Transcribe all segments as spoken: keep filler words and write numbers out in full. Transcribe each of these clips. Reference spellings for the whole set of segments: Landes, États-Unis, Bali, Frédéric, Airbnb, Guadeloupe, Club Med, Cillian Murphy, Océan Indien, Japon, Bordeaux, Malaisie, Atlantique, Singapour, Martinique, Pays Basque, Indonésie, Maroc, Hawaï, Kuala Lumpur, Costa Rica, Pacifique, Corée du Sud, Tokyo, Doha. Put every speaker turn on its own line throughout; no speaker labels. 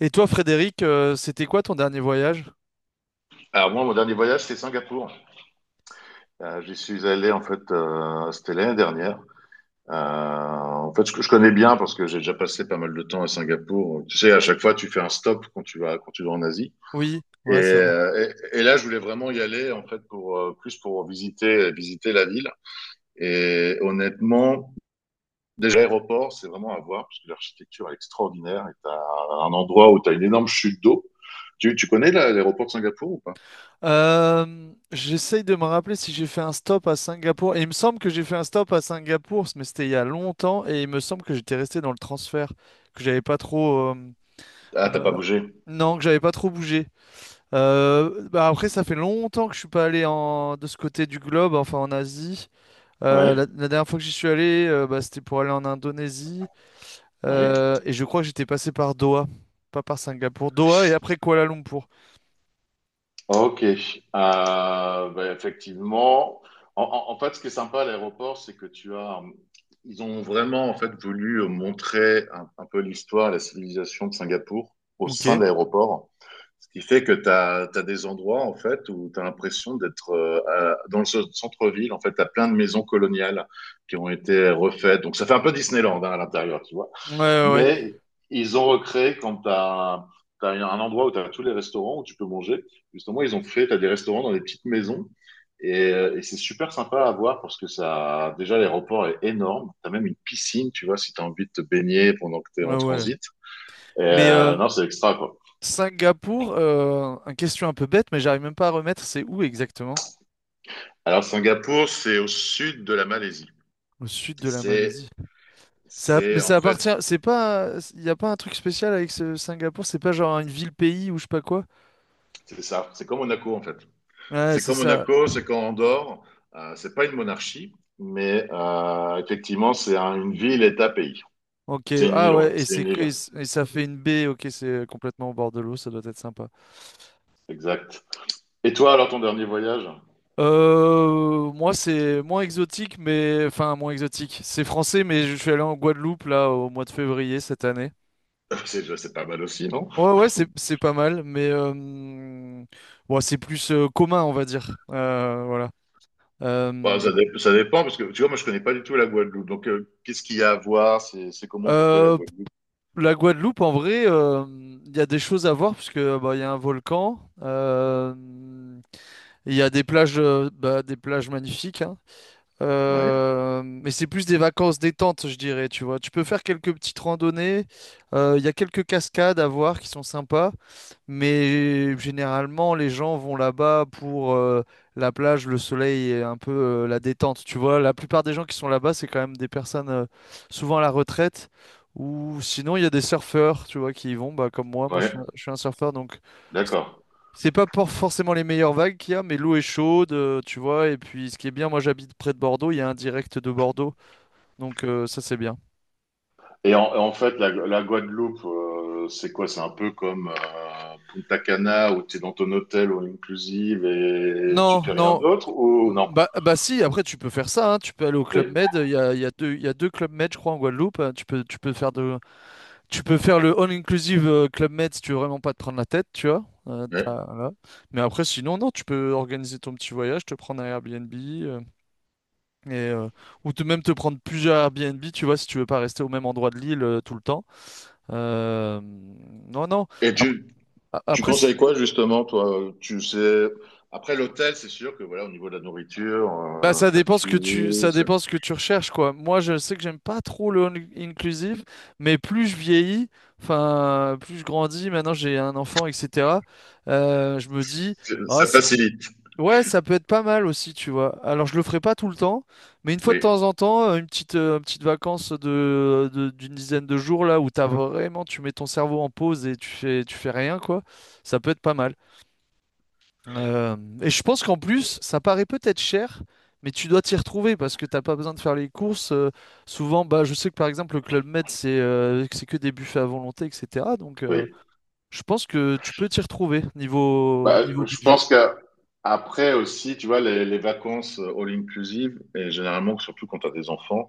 Et toi, Frédéric, euh, c'était quoi ton dernier voyage?
Alors moi, mon dernier voyage, c'est Singapour. Euh, j'y suis allé en fait, euh, c'était l'année dernière. Euh, en fait, je, je connais bien parce que j'ai déjà passé pas mal de temps à Singapour. Tu sais, à chaque fois, tu fais un stop quand tu vas quand tu vas en Asie.
Oui,
Et,
ouais, c'est vrai.
euh, et, et là, je voulais vraiment y aller en fait pour euh, plus pour visiter visiter la ville. Et honnêtement, déjà l'aéroport, c'est vraiment à voir parce que l'architecture est extraordinaire. Et t'as un endroit où t'as une énorme chute d'eau. Tu, tu connais la- l'aéroport de Singapour ou pas?
Euh, j'essaye de me rappeler si j'ai fait un stop à Singapour. Et il me semble que j'ai fait un stop à Singapour, mais c'était il y a longtemps. Et il me semble que j'étais resté dans le transfert, que j'avais pas trop. euh,
Ah, t'as pas
euh,
bougé.
non, que j'avais pas trop bougé. Euh, bah après, ça fait longtemps que je suis pas allé en, de ce côté du globe, enfin en Asie. Euh, la,
Ouais,
la dernière fois que j'y suis allé, euh, bah, c'était pour aller en Indonésie.
oui.
Euh, et je crois que j'étais passé par Doha, pas par Singapour. Doha et après Kuala Lumpur.
Ok. Euh, bah, effectivement, en, en- en fait, ce qui est sympa à l'aéroport, c'est que tu as, euh, ils ont vraiment en fait voulu euh, montrer un, un peu l'histoire, la civilisation de Singapour au
Ok.
sein
Ouais,
de l'aéroport. Ce qui fait que tu as des endroits en fait où tu as l'impression d'être euh, à- dans le ce- centre-ville. En fait, tu as plein de maisons coloniales qui ont été refaites. Donc, ça fait un peu Disneyland hein, à l'intérieur, tu vois.
ouais, ouais.
Mais ils ont recréé quand tu as un endroit où tu as tous les restaurants où tu peux manger. Justement, ils ont fait, tu as des restaurants dans des petites maisons. Et, euh, et c'est super sympa à voir parce que ça, déjà, l'aéroport est énorme. Tu as même une piscine, tu vois, si tu as envie de te baigner pendant que tu es
Ouais,
en
ouais.
transit. Et,
Mais euh,
euh, non, c'est extra, quoi.
Singapour, euh, une question un peu bête, mais j'arrive même pas à remettre, c'est où exactement?
Alors, Singapour, c'est au sud de la Malaisie.
Au sud de la
C'est,
Malaisie. Ça,
c'est
mais
en
ça
fait,
appartient, c'est pas, il n'y a pas un truc spécial avec ce Singapour, c'est pas genre une ville-pays ou je sais pas quoi.
c'est ça. C'est comme Monaco, en fait.
Ouais,
C'est
c'est
comme
ça.
Monaco, c'est quand Andorre. Euh, c'est pas une monarchie, mais euh, effectivement, c'est un- une ville, État, pays.
Ok,
C'est une
ah
île, ouais,
ouais, et
c'est
c'est,
une île,
et c- et ça fait une baie, ok, c'est complètement au bord de l'eau, ça doit être sympa.
exact. Et toi, alors, ton dernier voyage?
Euh, moi, c'est moins exotique, mais enfin moins exotique. C'est français, mais je suis allé en Guadeloupe là au mois de février cette année.
C'est c'est pas mal aussi, non?
Ouais, ouais, c'est c'est pas mal, mais euh, bon, c'est plus euh, commun, on va dire. Euh, voilà.
Bah,
Euh,
ça, dé- ça dépend, parce que tu vois, moi, je connais pas du tout la Guadeloupe. Donc, euh, qu'est-ce qu'il y a à voir? C'est c'est comment pour toi, la
euh,
Guadeloupe?
la Guadeloupe, en vrai, euh, il y a des choses à voir parce que bah, il y a un volcan. euh, Il y a des plages, euh, bah, des plages magnifiques, hein.
Ouais,
Euh, mais c'est plus des vacances détente, je dirais, tu vois. Tu peux faire quelques petites randonnées. euh, Il y a quelques cascades à voir qui sont sympas. Mais généralement, les gens vont là-bas pour euh, la plage, le soleil et un peu euh, la détente. Tu vois, la plupart des gens qui sont là-bas, c'est quand même des personnes euh, souvent à la retraite. Ou sinon, il y a des surfeurs, tu vois, qui y vont, bah, comme moi. Moi, je
ouais,
suis un, je suis un surfeur, donc
d'accord.
c'est pas pour forcément les meilleures vagues qu'il y a, mais l'eau est chaude, euh, tu vois. Et puis, ce qui est bien, moi j'habite près de Bordeaux, il y a un direct de Bordeaux, donc euh, ça c'est bien.
Et en, en fait, la, la Guadeloupe, euh, c'est quoi? C'est un peu comme euh, Punta Cana, où tu es dans ton hôtel all inclusive et tu
Non,
fais rien
non,
d'autre, ou non?
bah, bah si, après tu peux faire ça, hein. Tu peux aller au Club
Oui.
Med, il y a, il y a deux, il y a deux Club Med, je crois, en Guadeloupe, hein. Tu peux, tu peux faire de, tu peux faire le all-inclusive euh, Club Med si tu veux vraiment pas te prendre la tête, tu vois. Euh,
Ouais.
t'as- voilà. Mais après, sinon, non, tu peux organiser ton petit voyage, te prendre un Airbnb, euh, et, euh, ou te, même te prendre plusieurs Airbnb, tu vois, si tu veux pas rester au même endroit de l'île euh, tout le temps. Euh, non, non.
Et
Ap-
tu, Tu
Après, c-
conseilles quoi justement, toi? Tu sais, après l'hôtel, c'est sûr que voilà, au niveau de la nourriture,
bah,
euh,
ça
t'as
dépend ce que tu,
tout,
ça
c'est-
dépend ce que tu recherches, quoi. Moi, je sais que j'aime pas trop le all inclusive, mais plus je vieillis, enfin, plus je grandis, maintenant j'ai un enfant, et cetera euh, Je me dis,
c'est-
ah,
ça
c-
facilite.
ouais, ça peut être pas mal aussi, tu vois. Alors, je le ferai pas tout le temps, mais une fois de
Oui,
temps en temps, euh, une petite, euh, une petite vacance de, de- d'une dizaine de jours là où t'as vraiment, tu mets ton cerveau en pause et tu fais, tu fais rien, quoi. Ça peut être pas mal. Euh, et je pense qu'en plus, ça paraît peut-être cher, mais tu dois t'y retrouver parce que t'as pas besoin de faire les courses. Euh, souvent, bah, je sais que par exemple, le Club Med, c'est euh, c'est que des buffets à volonté, et cetera. Donc, euh,
oui.
je pense que tu peux t'y retrouver niveau,
Bah,
niveau
je
budget.
pense que après aussi, tu vois, les, les vacances euh, all inclusive, et généralement, surtout quand t'as des enfants,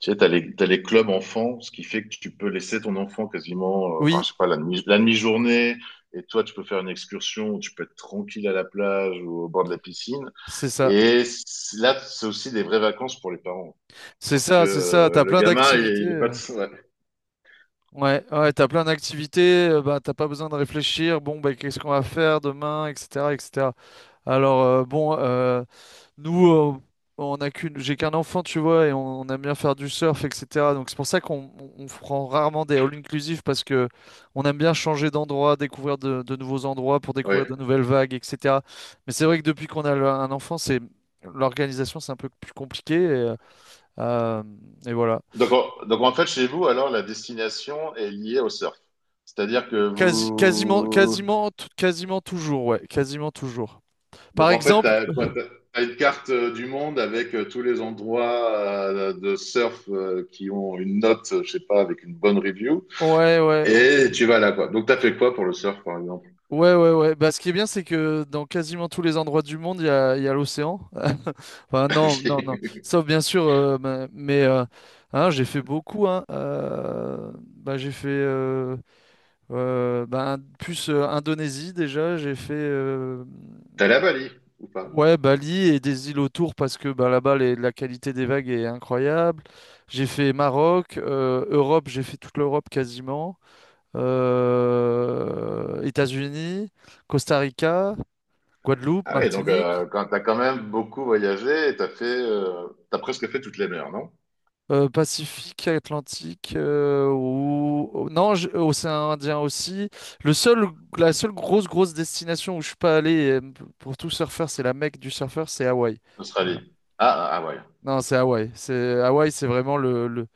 tu sais, t'as les, t'as les clubs enfants, ce qui fait que tu peux laisser ton enfant quasiment, euh, enfin,
Oui,
je sais pas, la demi, la demi-journée, et toi, tu peux faire une excursion, où tu peux être tranquille à la plage ou au bord de la piscine.
c'est ça.
Et c- là, c'est aussi des vraies vacances pour les parents.
C'est
Parce que
ça, c'est ça.
euh,
T'as
le
plein
gamin,
d'activités.
il, il est pas... de-
euh.
Ouais.
Ouais, ouais, t'as plein d'activités, euh, bah, t'as pas besoin de réfléchir, bon, bah, qu'est-ce qu'on va faire demain, et cetera, et cetera. Alors, euh, bon, euh, nous, euh, on a qu'une, j'ai qu'un enfant, tu vois, et on, on aime bien faire du surf, et cetera. Donc, c'est pour ça qu'on on, on prend rarement des all-inclusive parce que on aime bien changer d'endroit, découvrir de, de nouveaux endroits pour
Ouais.
découvrir de nouvelles vagues, et cetera. Mais c'est vrai que depuis qu'on a le- un enfant, c'est, l'organisation, c'est un peu plus compliqué, et, euh, et voilà.
Donc, en, donc, en fait, chez vous, alors, la destination est liée au surf. C'est-à-dire que
Quasi- quasiment,
vous...
quasiment, t- quasiment toujours, ouais, quasiment toujours.
Donc,
Par
en fait,
exemple,
t'as, quoi, t'as- t'as une carte euh, du monde avec euh, tous les endroits euh, de surf euh, qui ont une note, euh, je sais pas, avec une bonne review.
ouais, ouais, o-
Et tu vas là, quoi. Donc, t'as fait quoi pour le surf, par exemple?
ouais, ouais, ouais. Bah, ce qui est bien, c'est que dans quasiment tous les endroits du monde, il y a, il y a l'océan. Enfin, non, non, non. Sauf bien sûr, euh, ma- mais euh, hein, j'ai fait beaucoup, hein. Euh, bah, j'ai fait euh, euh, bah, un- plus euh, Indonésie déjà. J'ai fait. euh,
T'es allé à Bali ou pas?
Ouais, Bali et des îles autour parce que bah, là-bas, les- la qualité des vagues est incroyable. J'ai fait Maroc, euh, Europe, j'ai fait toute l'Europe quasiment. euh, États-Unis, Costa Rica, Guadeloupe,
Ah oui, donc
Martinique,
euh, quand t'as quand même beaucoup voyagé, t'as fait, euh, t'as presque fait toutes les mers, non?
euh, Pacifique, Atlantique, euh, ou... ou- non, j- Océan Indien aussi. Le seul, la seule grosse, grosse destination où je suis pas allé euh, pour tout surfeur, c'est la Mecque du surfeur, c'est Hawaï. Voilà.
Australie. Ah, ah ah ouais,
Non, c'est Hawaï. C'est Hawaï, c'est vraiment le, le-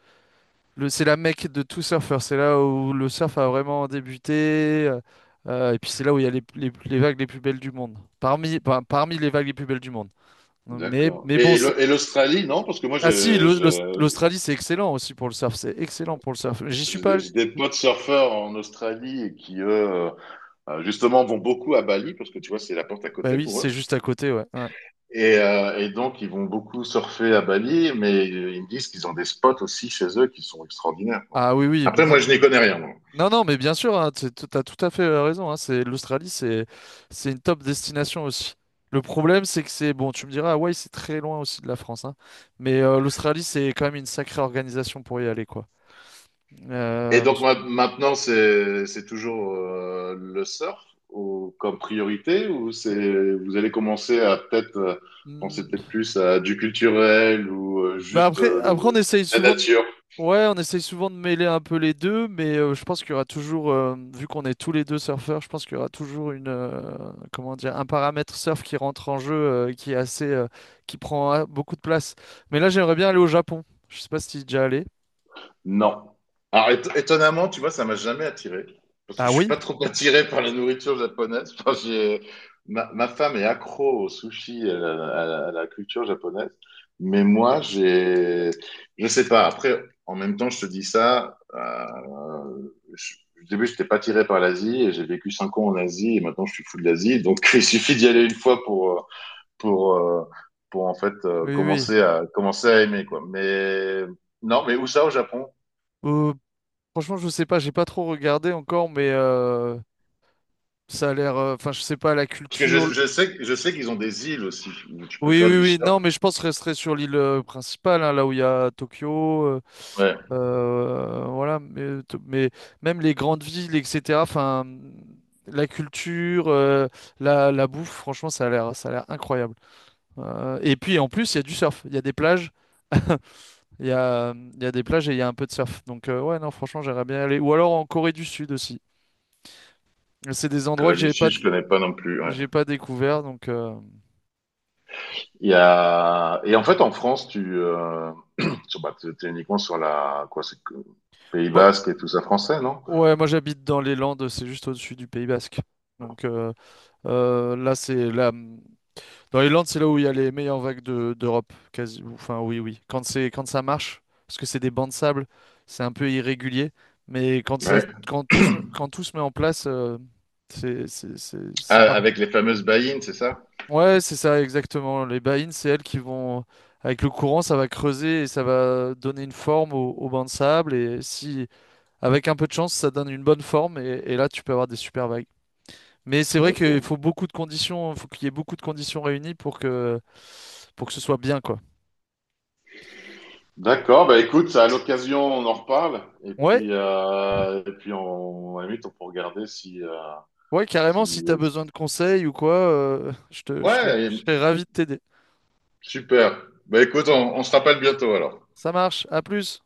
Le- c'est la mecque de tout surfeur, c'est là où le surf a vraiment débuté, euh, euh, et puis c'est là où il y a les, les- les vagues les plus belles du monde, parmi, par- parmi les vagues les plus belles du monde. Mais,
d'accord.
mais
Et,
bon,
et
c'est-
l'Au- et l'Australie, non? Parce que moi,
ah si,
je-
l'Aus- l'Aus-
je-
l'Australie c'est excellent aussi pour le surf, c'est excellent pour le surf. J'y suis
j'ai
pas
des
allé.
j'ai des potes surfeurs en Australie et qui, eux, euh, euh, justement, vont beaucoup à Bali, parce que tu vois, c'est la porte à
Bah
côté
oui,
pour
c'est
eux.
juste à côté, ouais, ouais.
Et, euh, et donc, ils vont beaucoup surfer à Bali, mais euh, ils me disent qu'ils ont des spots aussi chez eux qui sont extraordinaires, quoi.
Ah oui, oui,
Après, moi,
maintenant,
je n'y connais rien.
non, non, mais bien sûr, hein, tu as tout à fait euh, raison, hein. C'est l'Australie, c'est c'est une top destination aussi. Le problème, c'est que c'est bon. Tu me diras, Hawaï, c'est très loin aussi de la France, hein, mais euh, l'Australie, c'est quand même une sacrée organisation pour y aller, quoi.
Et
Euh,
donc ma- maintenant, c'est c'est toujours euh, le surf ou, comme priorité ou c'est vous allez commencer à peut-être euh, penser peut-être plus à du culturel ou euh,
Bah
juste
après,
euh,
après on
de,
essaye
la
souvent de...
nature?
Ouais, on essaye souvent de mêler un peu les deux, mais euh, je pense qu'il y aura toujours, euh, vu qu'on est tous les deux surfeurs, je pense qu'il y aura toujours une, euh, comment dire, un paramètre surf qui rentre en jeu, euh, qui est assez, euh, qui prend euh, beaucoup de place. Mais là, j'aimerais bien aller au Japon. Je sais pas si tu es déjà allé.
Non. Alors, éton- étonnamment, tu vois, ça m'a jamais attiré. Parce que
Ah
je suis
oui?
pas trop attiré par la nourriture japonaise. Enfin, j'ai- ma, ma femme est accro au sushi, à la, à la- à la culture japonaise. Mais moi, j'ai, je sais pas. Après, en même temps, je te dis ça. Euh, je- au début, je n'étais pas attiré par l'Asie et j'ai vécu cinq ans en Asie et maintenant je suis fou de l'Asie. Donc, il suffit d'y aller une fois pour, euh, pour, euh, pour en fait euh,
Oui, oui,
commencer à, commencer à aimer, quoi. Mais non, mais où ça au Japon?
Euh, Franchement, je sais pas, j'ai pas trop regardé encore, mais euh, ça a l'air, euh, enfin, je sais pas, la
Parce que je,
culture,
je sais, que- je sais qu'ils ont des îles aussi où tu peux
oui,
faire
oui,
du
oui.
surf.
Non, mais je pense resterait sur l'île euh, principale, hein, là où il y a Tokyo. Euh,
Ouais.
euh, voilà. Mais, to- mais même les grandes villes, et cetera. Enfin, la culture, euh, la, la bouffe, franchement, ça a l'air, ça a l'air incroyable. Euh, et puis, en plus, il y a du surf. Il y a des plages. Il y a, il y a des plages et il y a un peu de surf. Donc, euh, ouais, non, franchement, j'aimerais bien y aller. Ou alors en Corée du Sud aussi. C'est des endroits que
Corée du
j'ai pas,
Sud,
que
je connais pas non plus. Ouais.
j'ai pas découvert. Donc, euh,
Il y a... Et en fait, en France, tu euh... sur- bah, t'es t'es uniquement sur la quoi, c'est que- Pays Basque et tout ça français, non?
ouais, moi j'habite dans les Landes, c'est juste au-dessus du Pays Basque. Donc euh, euh, là, c'est là, dans les Landes, c'est là où il y a les meilleures vagues de- d'Europe, quasi. Enfin, oui, oui. Quand c'est quand ça marche, parce que c'est des bancs de sable, c'est un peu irrégulier, mais quand ça,
Ouais.
quand tout se, met- quand tout se met en place, euh, c'est c'est c'est c'est
Ah,
par.
avec les fameuses baïnes, c'est ça?
Ouais, c'est ça exactement. Les bahines, c'est elles qui vont avec le courant, ça va creuser et ça va donner une forme aux, aux bancs de sable. Et si avec un peu de chance, ça donne une bonne forme et, et là, tu peux avoir des super vagues. Mais c'est vrai
Ok.
qu'il faut beaucoup de conditions, faut qu'il y ait beaucoup de conditions réunies pour que, pour que ce soit bien, quoi.
D'accord. Bah écoute, à l'occasion, on en reparle. Et
Ouais,
puis, euh... et puis, on à la limite, on peut regarder si, euh,
ouais, carrément, si
si.
t'as
Euh,
besoin de conseils ou quoi, euh, je te, je serais,
ouais.
je serais ravi de t'aider.
Super. Bah écoute, on on se rappelle bientôt alors.
Ça marche, à plus.